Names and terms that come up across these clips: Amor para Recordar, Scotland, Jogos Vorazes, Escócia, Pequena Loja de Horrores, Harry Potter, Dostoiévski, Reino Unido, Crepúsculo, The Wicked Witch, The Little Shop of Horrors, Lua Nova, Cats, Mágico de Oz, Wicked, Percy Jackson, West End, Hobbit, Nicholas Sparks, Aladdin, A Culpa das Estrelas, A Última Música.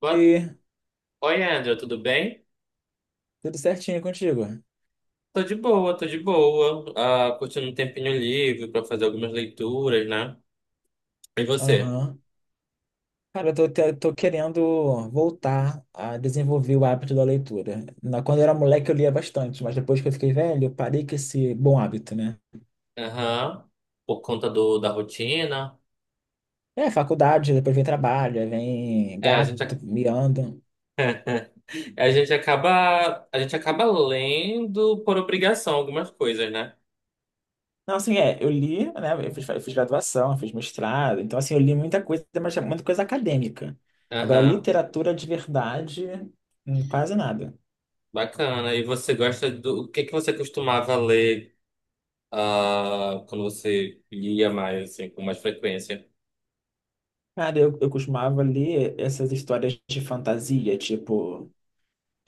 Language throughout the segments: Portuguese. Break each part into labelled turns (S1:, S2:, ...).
S1: Boa- Oi, André, tudo bem?
S2: tudo certinho contigo?
S1: Tô de boa, tô de boa. Curtindo um tempinho livre pra fazer algumas leituras, né? E você?
S2: Aham. Cara, tô querendo voltar a desenvolver o hábito da leitura. Quando eu era moleque, eu lia bastante, mas depois que eu fiquei velho, eu parei com esse bom hábito, né?
S1: Aham. Por conta da rotina.
S2: É, faculdade, depois vem trabalho, aí vem
S1: É, a gente,
S2: gato, miando.
S1: a gente a gente acaba lendo por obrigação algumas coisas, né?
S2: Não, assim, é, eu li, né? Eu fiz graduação, eu fiz mestrado, então, assim, eu li muita coisa, mas é muita coisa acadêmica. Agora,
S1: Aham.
S2: literatura de verdade, quase nada.
S1: Bacana. E você gosta o que que você costumava ler, quando você lia mais, assim, com mais frequência?
S2: Cara, eu costumava ler essas histórias de fantasia, tipo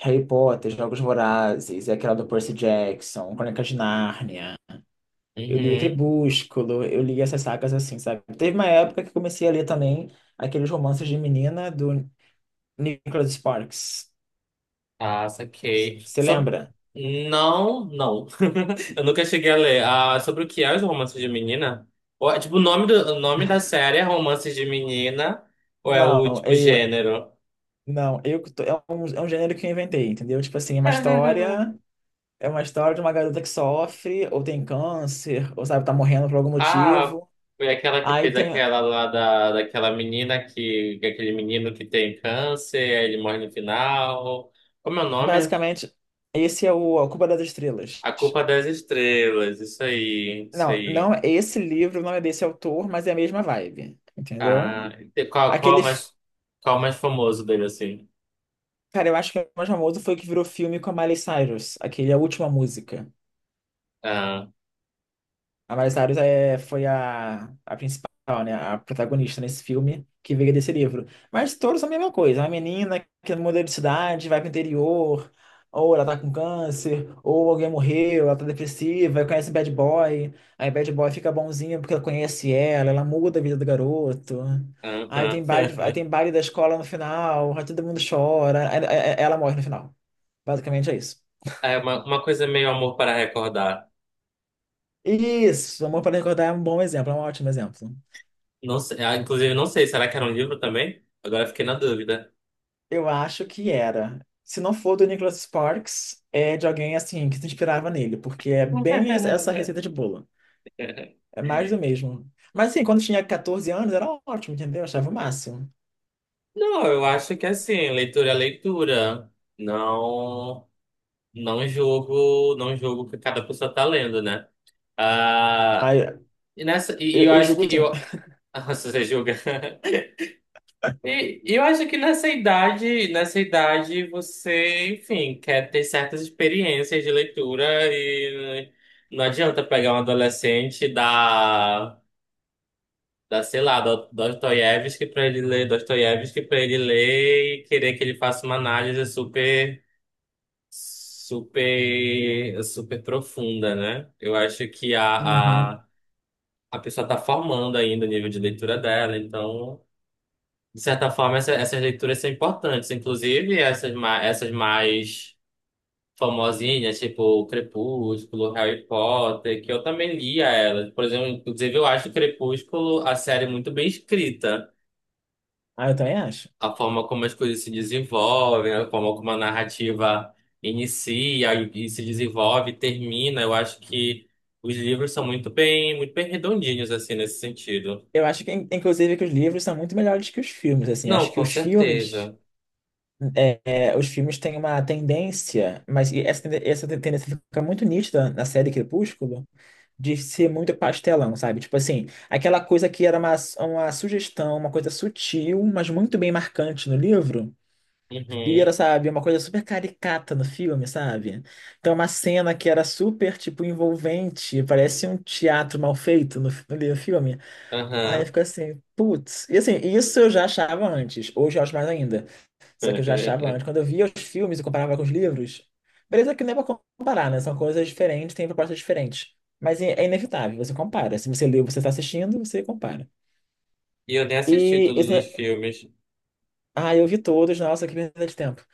S2: Harry Potter, Jogos Vorazes, aquela do Percy Jackson, Crônicas de Nárnia. Eu lia
S1: Uhum.
S2: Crepúsculo, eu lia essas sagas assim, sabe? Teve uma época que comecei a ler também aqueles romances de menina do Nicholas Sparks.
S1: Ah, saquei.
S2: Você lembra?
S1: Não, não. Eu nunca cheguei a ler. Ah, sobre o que é os romances de menina? Ou é, tipo, o nome da série é Romances de Menina? Ou é o,
S2: Não,
S1: tipo,
S2: eu,
S1: gênero?
S2: não, é um gênero que eu inventei, entendeu? Tipo assim, é uma história de uma garota que sofre, ou tem câncer, ou sabe, tá morrendo por algum
S1: Ah,
S2: motivo.
S1: foi aquela que
S2: Aí
S1: fez
S2: tem,
S1: aquela daquela menina aquele menino que tem câncer, aí ele morre no final. Como é o nome?
S2: basicamente, esse é o A Culpa das Estrelas.
S1: A Culpa das Estrelas, isso aí, isso
S2: Não, não,
S1: aí.
S2: esse livro não é desse autor, mas é a mesma vibe, entendeu?
S1: Ah, e qual,
S2: Aquele, f-
S1: qual é mais famoso dele, assim?
S2: cara, eu acho que o mais famoso foi o que virou filme com a Miley Cyrus, aquele A Última Música.
S1: Ah,
S2: A Miley Cyrus é, foi a principal, né? A protagonista nesse filme que veio desse livro. Mas todos são a mesma coisa. Uma menina que muda de cidade, vai pro interior, ou ela tá com câncer, ou alguém morreu, ela tá depressiva, aí conhece bad boy. Aí bad boy fica bonzinho porque ela conhece ela, ela muda a vida do garoto.
S1: aham.
S2: Aí tem baile da escola no final, aí todo mundo chora, aí ela morre no final. Basicamente é isso.
S1: É uma coisa meio Amor para Recordar.
S2: Isso, Amor para Recordar é um bom exemplo, é um ótimo exemplo.
S1: Não sei, ah, inclusive, não sei, será que era um livro também? Agora eu fiquei na dúvida.
S2: Eu acho que era. Se não for do Nicholas Sparks, é de alguém assim que se inspirava nele, porque é essa receita de bolo. É mais do mesmo. Mas assim, quando tinha 14 anos era ótimo, entendeu? Eu achava o máximo.
S1: Não, eu acho que é assim, leitura é leitura. Não, não julgo, não julgo o que cada pessoa tá lendo, né? Ah,
S2: Aí,
S1: e nessa, e
S2: eu,
S1: eu
S2: eu
S1: acho
S2: julgo
S1: que
S2: assim.
S1: eu, se você julga. E eu acho que nessa idade você, enfim, quer ter certas experiências de leitura e não adianta pegar um adolescente da sei lá, do Dostoiévski para ele ler, Dostoiévski para ele ler e querer que ele faça uma análise super profunda, né? Eu acho que
S2: Uhum.
S1: a pessoa está formando ainda o nível de leitura dela, então de certa forma, essas leituras são importantes, inclusive essas, essas mais famosinhas, tipo o Crepúsculo, Harry Potter, que eu também lia elas. Por exemplo, inclusive eu acho o Crepúsculo a série muito bem escrita,
S2: Ah, eu também acho.
S1: a forma como as coisas se desenvolvem, a forma como a narrativa inicia e se desenvolve, e termina. Eu acho que os livros são muito bem redondinhos assim nesse sentido.
S2: Eu acho que, inclusive, que os livros são muito melhores que os filmes, assim.
S1: Não,
S2: Acho que
S1: com
S2: os filmes,
S1: certeza.
S2: os filmes têm uma tendência, mas e essa, essa tendência fica muito nítida na série Crepúsculo, de ser muito pastelão, sabe? Tipo assim, aquela coisa que era uma sugestão, uma coisa sutil, mas muito bem marcante no livro, vira,
S1: Uhum,
S2: sabe, uma coisa super caricata no filme, sabe? Então, uma cena que era super, tipo, envolvente, parece um teatro mal feito no, no filme. Aí
S1: aham.
S2: fica assim, putz. E assim, isso eu já achava antes, hoje eu acho mais ainda. Só que eu já achava antes. Quando eu via os filmes e comparava com os livros, beleza que não é pra comparar, né? São coisas diferentes, têm propostas diferentes. Mas é inevitável, você compara. Se você leu, você está assistindo, você compara.
S1: E eu nem assisti
S2: E
S1: todos os
S2: esse...
S1: filmes.
S2: Ah, eu vi todos, nossa, que perda de tempo.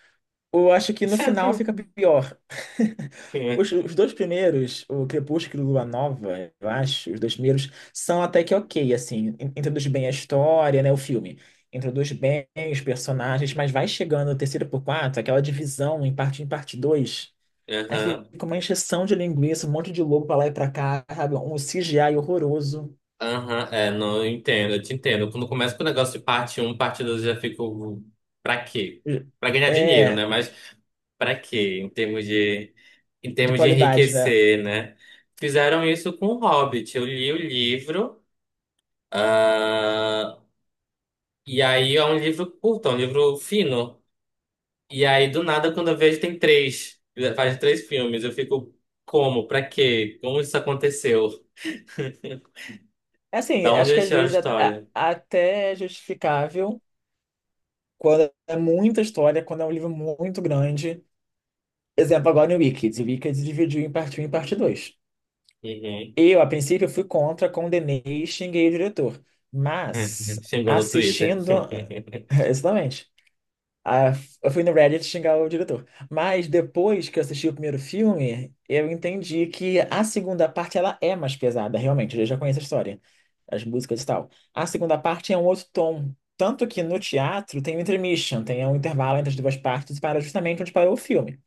S2: Eu acho que no final fica pior. Os dois primeiros, o Crepúsculo e Lua Nova, eu acho, os dois primeiros são até que ok, assim, introduz bem a história, né, o filme. Introduz bem os personagens, mas vai chegando o terceiro por quatro, aquela divisão em parte 1 e parte 2. Aí
S1: Aham,
S2: fica uma encheção de linguiça, um monte de lobo pra lá e pra cá, sabe? Um CGI horroroso.
S1: aham, é, não, eu entendo, eu te entendo. Quando começa com o negócio de parte um parte 2 eu já fico. Pra quê? Pra ganhar dinheiro, né?
S2: É,
S1: Mas pra quê? Em
S2: de
S1: termos de
S2: qualidade, né?
S1: enriquecer, né? Fizeram isso com o Hobbit. Eu li o livro, ah, e aí é um livro curto, é um livro fino. E aí, do nada, quando eu vejo, tem três. Faz três filmes. Eu fico, como? Pra quê? Como isso aconteceu?
S2: É assim,
S1: Da onde
S2: acho que
S1: eles
S2: às
S1: tiraram a
S2: vezes é
S1: história?
S2: até justificável. Quando é muita história, quando é um livro muito grande. Exemplo, agora no Wicked. O Wicked dividiu em parte um e parte 2.
S1: Uhum.
S2: Eu, a princípio, fui contra, condenei e xinguei o diretor. Mas,
S1: Xingou no Twitter.
S2: assistindo. Exatamente. Ah, eu fui no Reddit xingar o diretor. Mas depois que eu assisti o primeiro filme, eu entendi que a segunda parte ela é mais pesada, realmente. Eu já conheço a história, as músicas e tal. A segunda parte é um outro tom. Tanto que no teatro tem um intermission, tem um intervalo entre as duas partes para justamente onde parou o filme.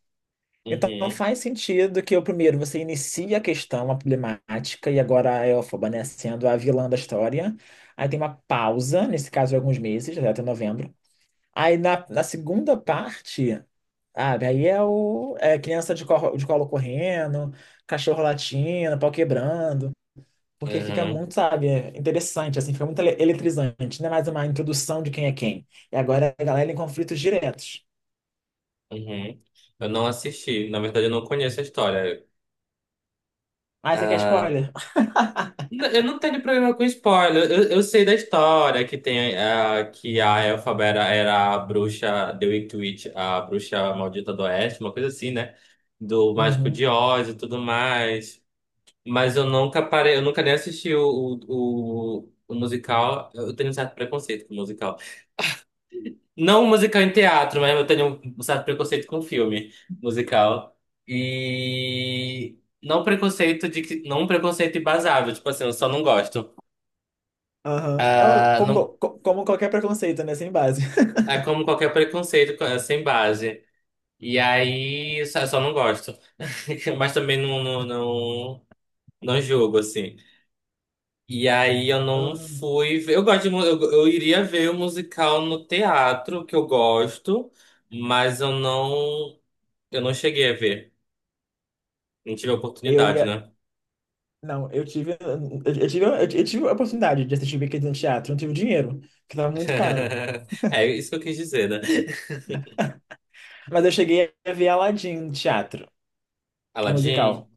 S2: Então
S1: Uhum.
S2: faz sentido que o primeiro você inicia a questão, a problemática, e agora a Elphaba, né, sendo a vilã da história. Aí tem uma pausa, nesse caso, de alguns meses, até novembro. Aí na segunda parte, sabe, aí é o é criança de colo correndo, cachorro latindo, pau quebrando, porque fica
S1: Uhum.
S2: muito, sabe, interessante, assim, fica muito eletrizante, não é mais uma introdução de quem é quem. E agora a galera em conflitos diretos.
S1: Uhum. Eu não assisti. Na verdade, eu não conheço a história.
S2: Ah, você quer
S1: Ah,
S2: spoiler?
S1: eu não tenho problema com spoiler. Eu sei da história que tem ah, que a Elphaba era a bruxa The Wicked Witch, a bruxa maldita do Oeste, uma coisa assim, né? Do Mágico de
S2: Uhum.
S1: Oz e tudo mais. Mas eu nunca parei, eu nunca nem assisti o musical. Eu tenho um certo preconceito com musical. Não musical em teatro, mas eu tenho um certo preconceito com filme musical. E não preconceito de que, não um preconceito embasável, tipo assim, eu só não gosto.
S2: Aham. É o-
S1: Ah,
S2: como,
S1: não,
S2: como qualquer preconceito, né? Sem base.
S1: é como qualquer preconceito é sem base. E aí, só não gosto. Mas também não julgo, assim. E aí eu não
S2: Aham.
S1: fui. Eu gosto de, eu iria ver o musical no teatro, que eu gosto, mas eu não cheguei a ver. Não tive a
S2: Eu
S1: oportunidade,
S2: ia.
S1: né?
S2: Não, eu tive, eu tive a oportunidade de assistir Wicked no teatro, eu não tive dinheiro, que tava muito caro.
S1: É isso que eu quis dizer, né?
S2: Mas eu cheguei a ver Aladdin no teatro, um
S1: Aladdin,
S2: musical.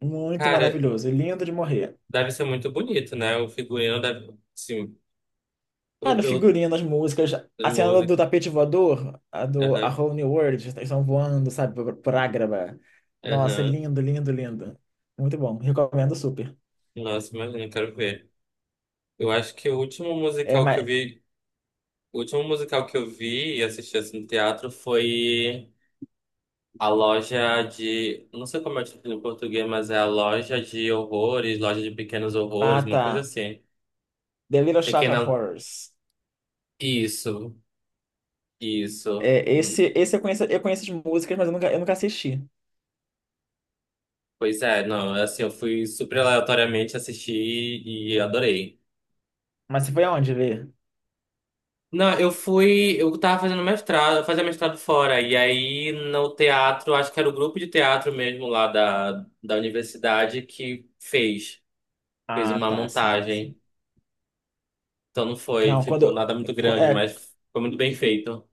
S2: Muito
S1: cara,
S2: maravilhoso, lindo de morrer.
S1: deve ser muito bonito, né? O figurino deve, sim,
S2: Cara, o
S1: eu
S2: figurino, as músicas,
S1: a
S2: a cena
S1: música,
S2: do tapete voador, a do A
S1: aham,
S2: Whole New World, eles estão voando, sabe, por Ágraba. Nossa,
S1: aham.
S2: lindo, lindo, lindo. Muito bom, recomendo super.
S1: Nossa, imagina, eu quero ver. Eu acho que o último
S2: É,
S1: musical que eu
S2: mas,
S1: vi, o último musical que eu vi e assisti assim no teatro foi A loja de. Não sei como é o título em português, mas é A Loja de Horrores, Loja de Pequenos Horrores,
S2: ah,
S1: uma coisa
S2: tá.
S1: assim.
S2: The Little Shop of
S1: Pequena.
S2: Horrors.
S1: Isso, isso.
S2: É, esse eu conheço as músicas, mas eu nunca assisti.
S1: Pois é, não, é assim, eu fui super aleatoriamente assistir e adorei.
S2: Mas você foi aonde ver?
S1: Não, eu fui. Eu tava fazendo mestrado, eu fazia mestrado fora, e aí no teatro, acho que era o grupo de teatro mesmo da universidade fez
S2: Ah,
S1: uma
S2: tá, sim, sim.
S1: montagem. Então não foi,
S2: Não,
S1: tipo,
S2: quando,
S1: nada muito grande,
S2: é,
S1: mas foi muito bem feito.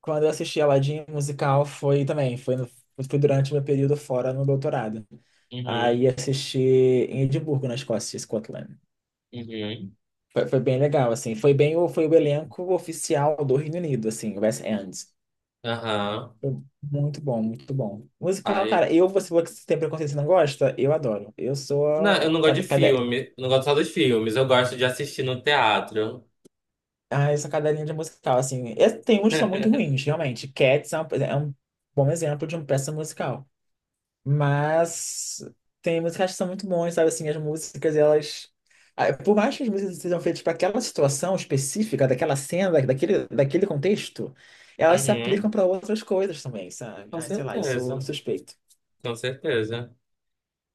S2: quando eu assisti Aladdin musical foi também, foi, no- foi durante meu período fora no doutorado.
S1: Uhum,
S2: Aí assisti em Edimburgo, na Escócia, Scotland.
S1: uhum,
S2: Foi, foi bem legal, assim. Foi foi o elenco oficial do Reino Unido, assim, o West End.
S1: aham.
S2: Foi muito bom, muito bom. Musical,
S1: Ai.
S2: cara, eu, você falou que você tem preconceito e não gosta, eu adoro. Eu sou
S1: Não, eu não gosto de filme. Eu não gosto só dos filmes. Eu gosto de assistir no teatro.
S2: ah, eu sou cadelinha de musical, assim. E tem uns que são muito ruins, realmente. Cats é um bom exemplo de uma peça musical. Mas tem músicas que são muito bons, sabe? Assim, as músicas, elas. Ah, por mais que as músicas sejam feitas para aquela situação específica, daquela cena, daquele, daquele contexto, elas se aplicam
S1: Uhum,
S2: para outras coisas também, sabe?
S1: com
S2: Ai, sei lá, eu sou
S1: certeza.
S2: suspeito.
S1: Com certeza.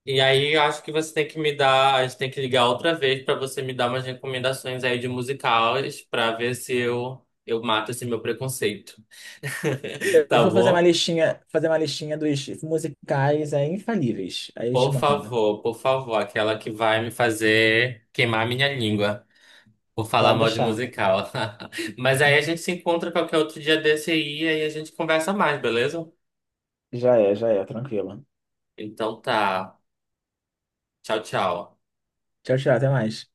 S1: E aí, eu acho que você tem que me dar. A gente tem que ligar outra vez pra você me dar umas recomendações aí de musicais pra ver se eu mato esse meu preconceito.
S2: Eu
S1: Tá
S2: vou
S1: bom?
S2: fazer uma listinha dos musicais aí, infalíveis. Aí eu te mando.
S1: Por favor, aquela que vai me fazer queimar minha língua. Por falar
S2: Pode
S1: mal de
S2: deixar.
S1: musical. Mas aí a gente se encontra qualquer outro dia desse aí e aí a gente conversa mais, beleza?
S2: Já é, tranquilo.
S1: Então tá. Tchau, tchau.
S2: Tchau, tchau, até mais.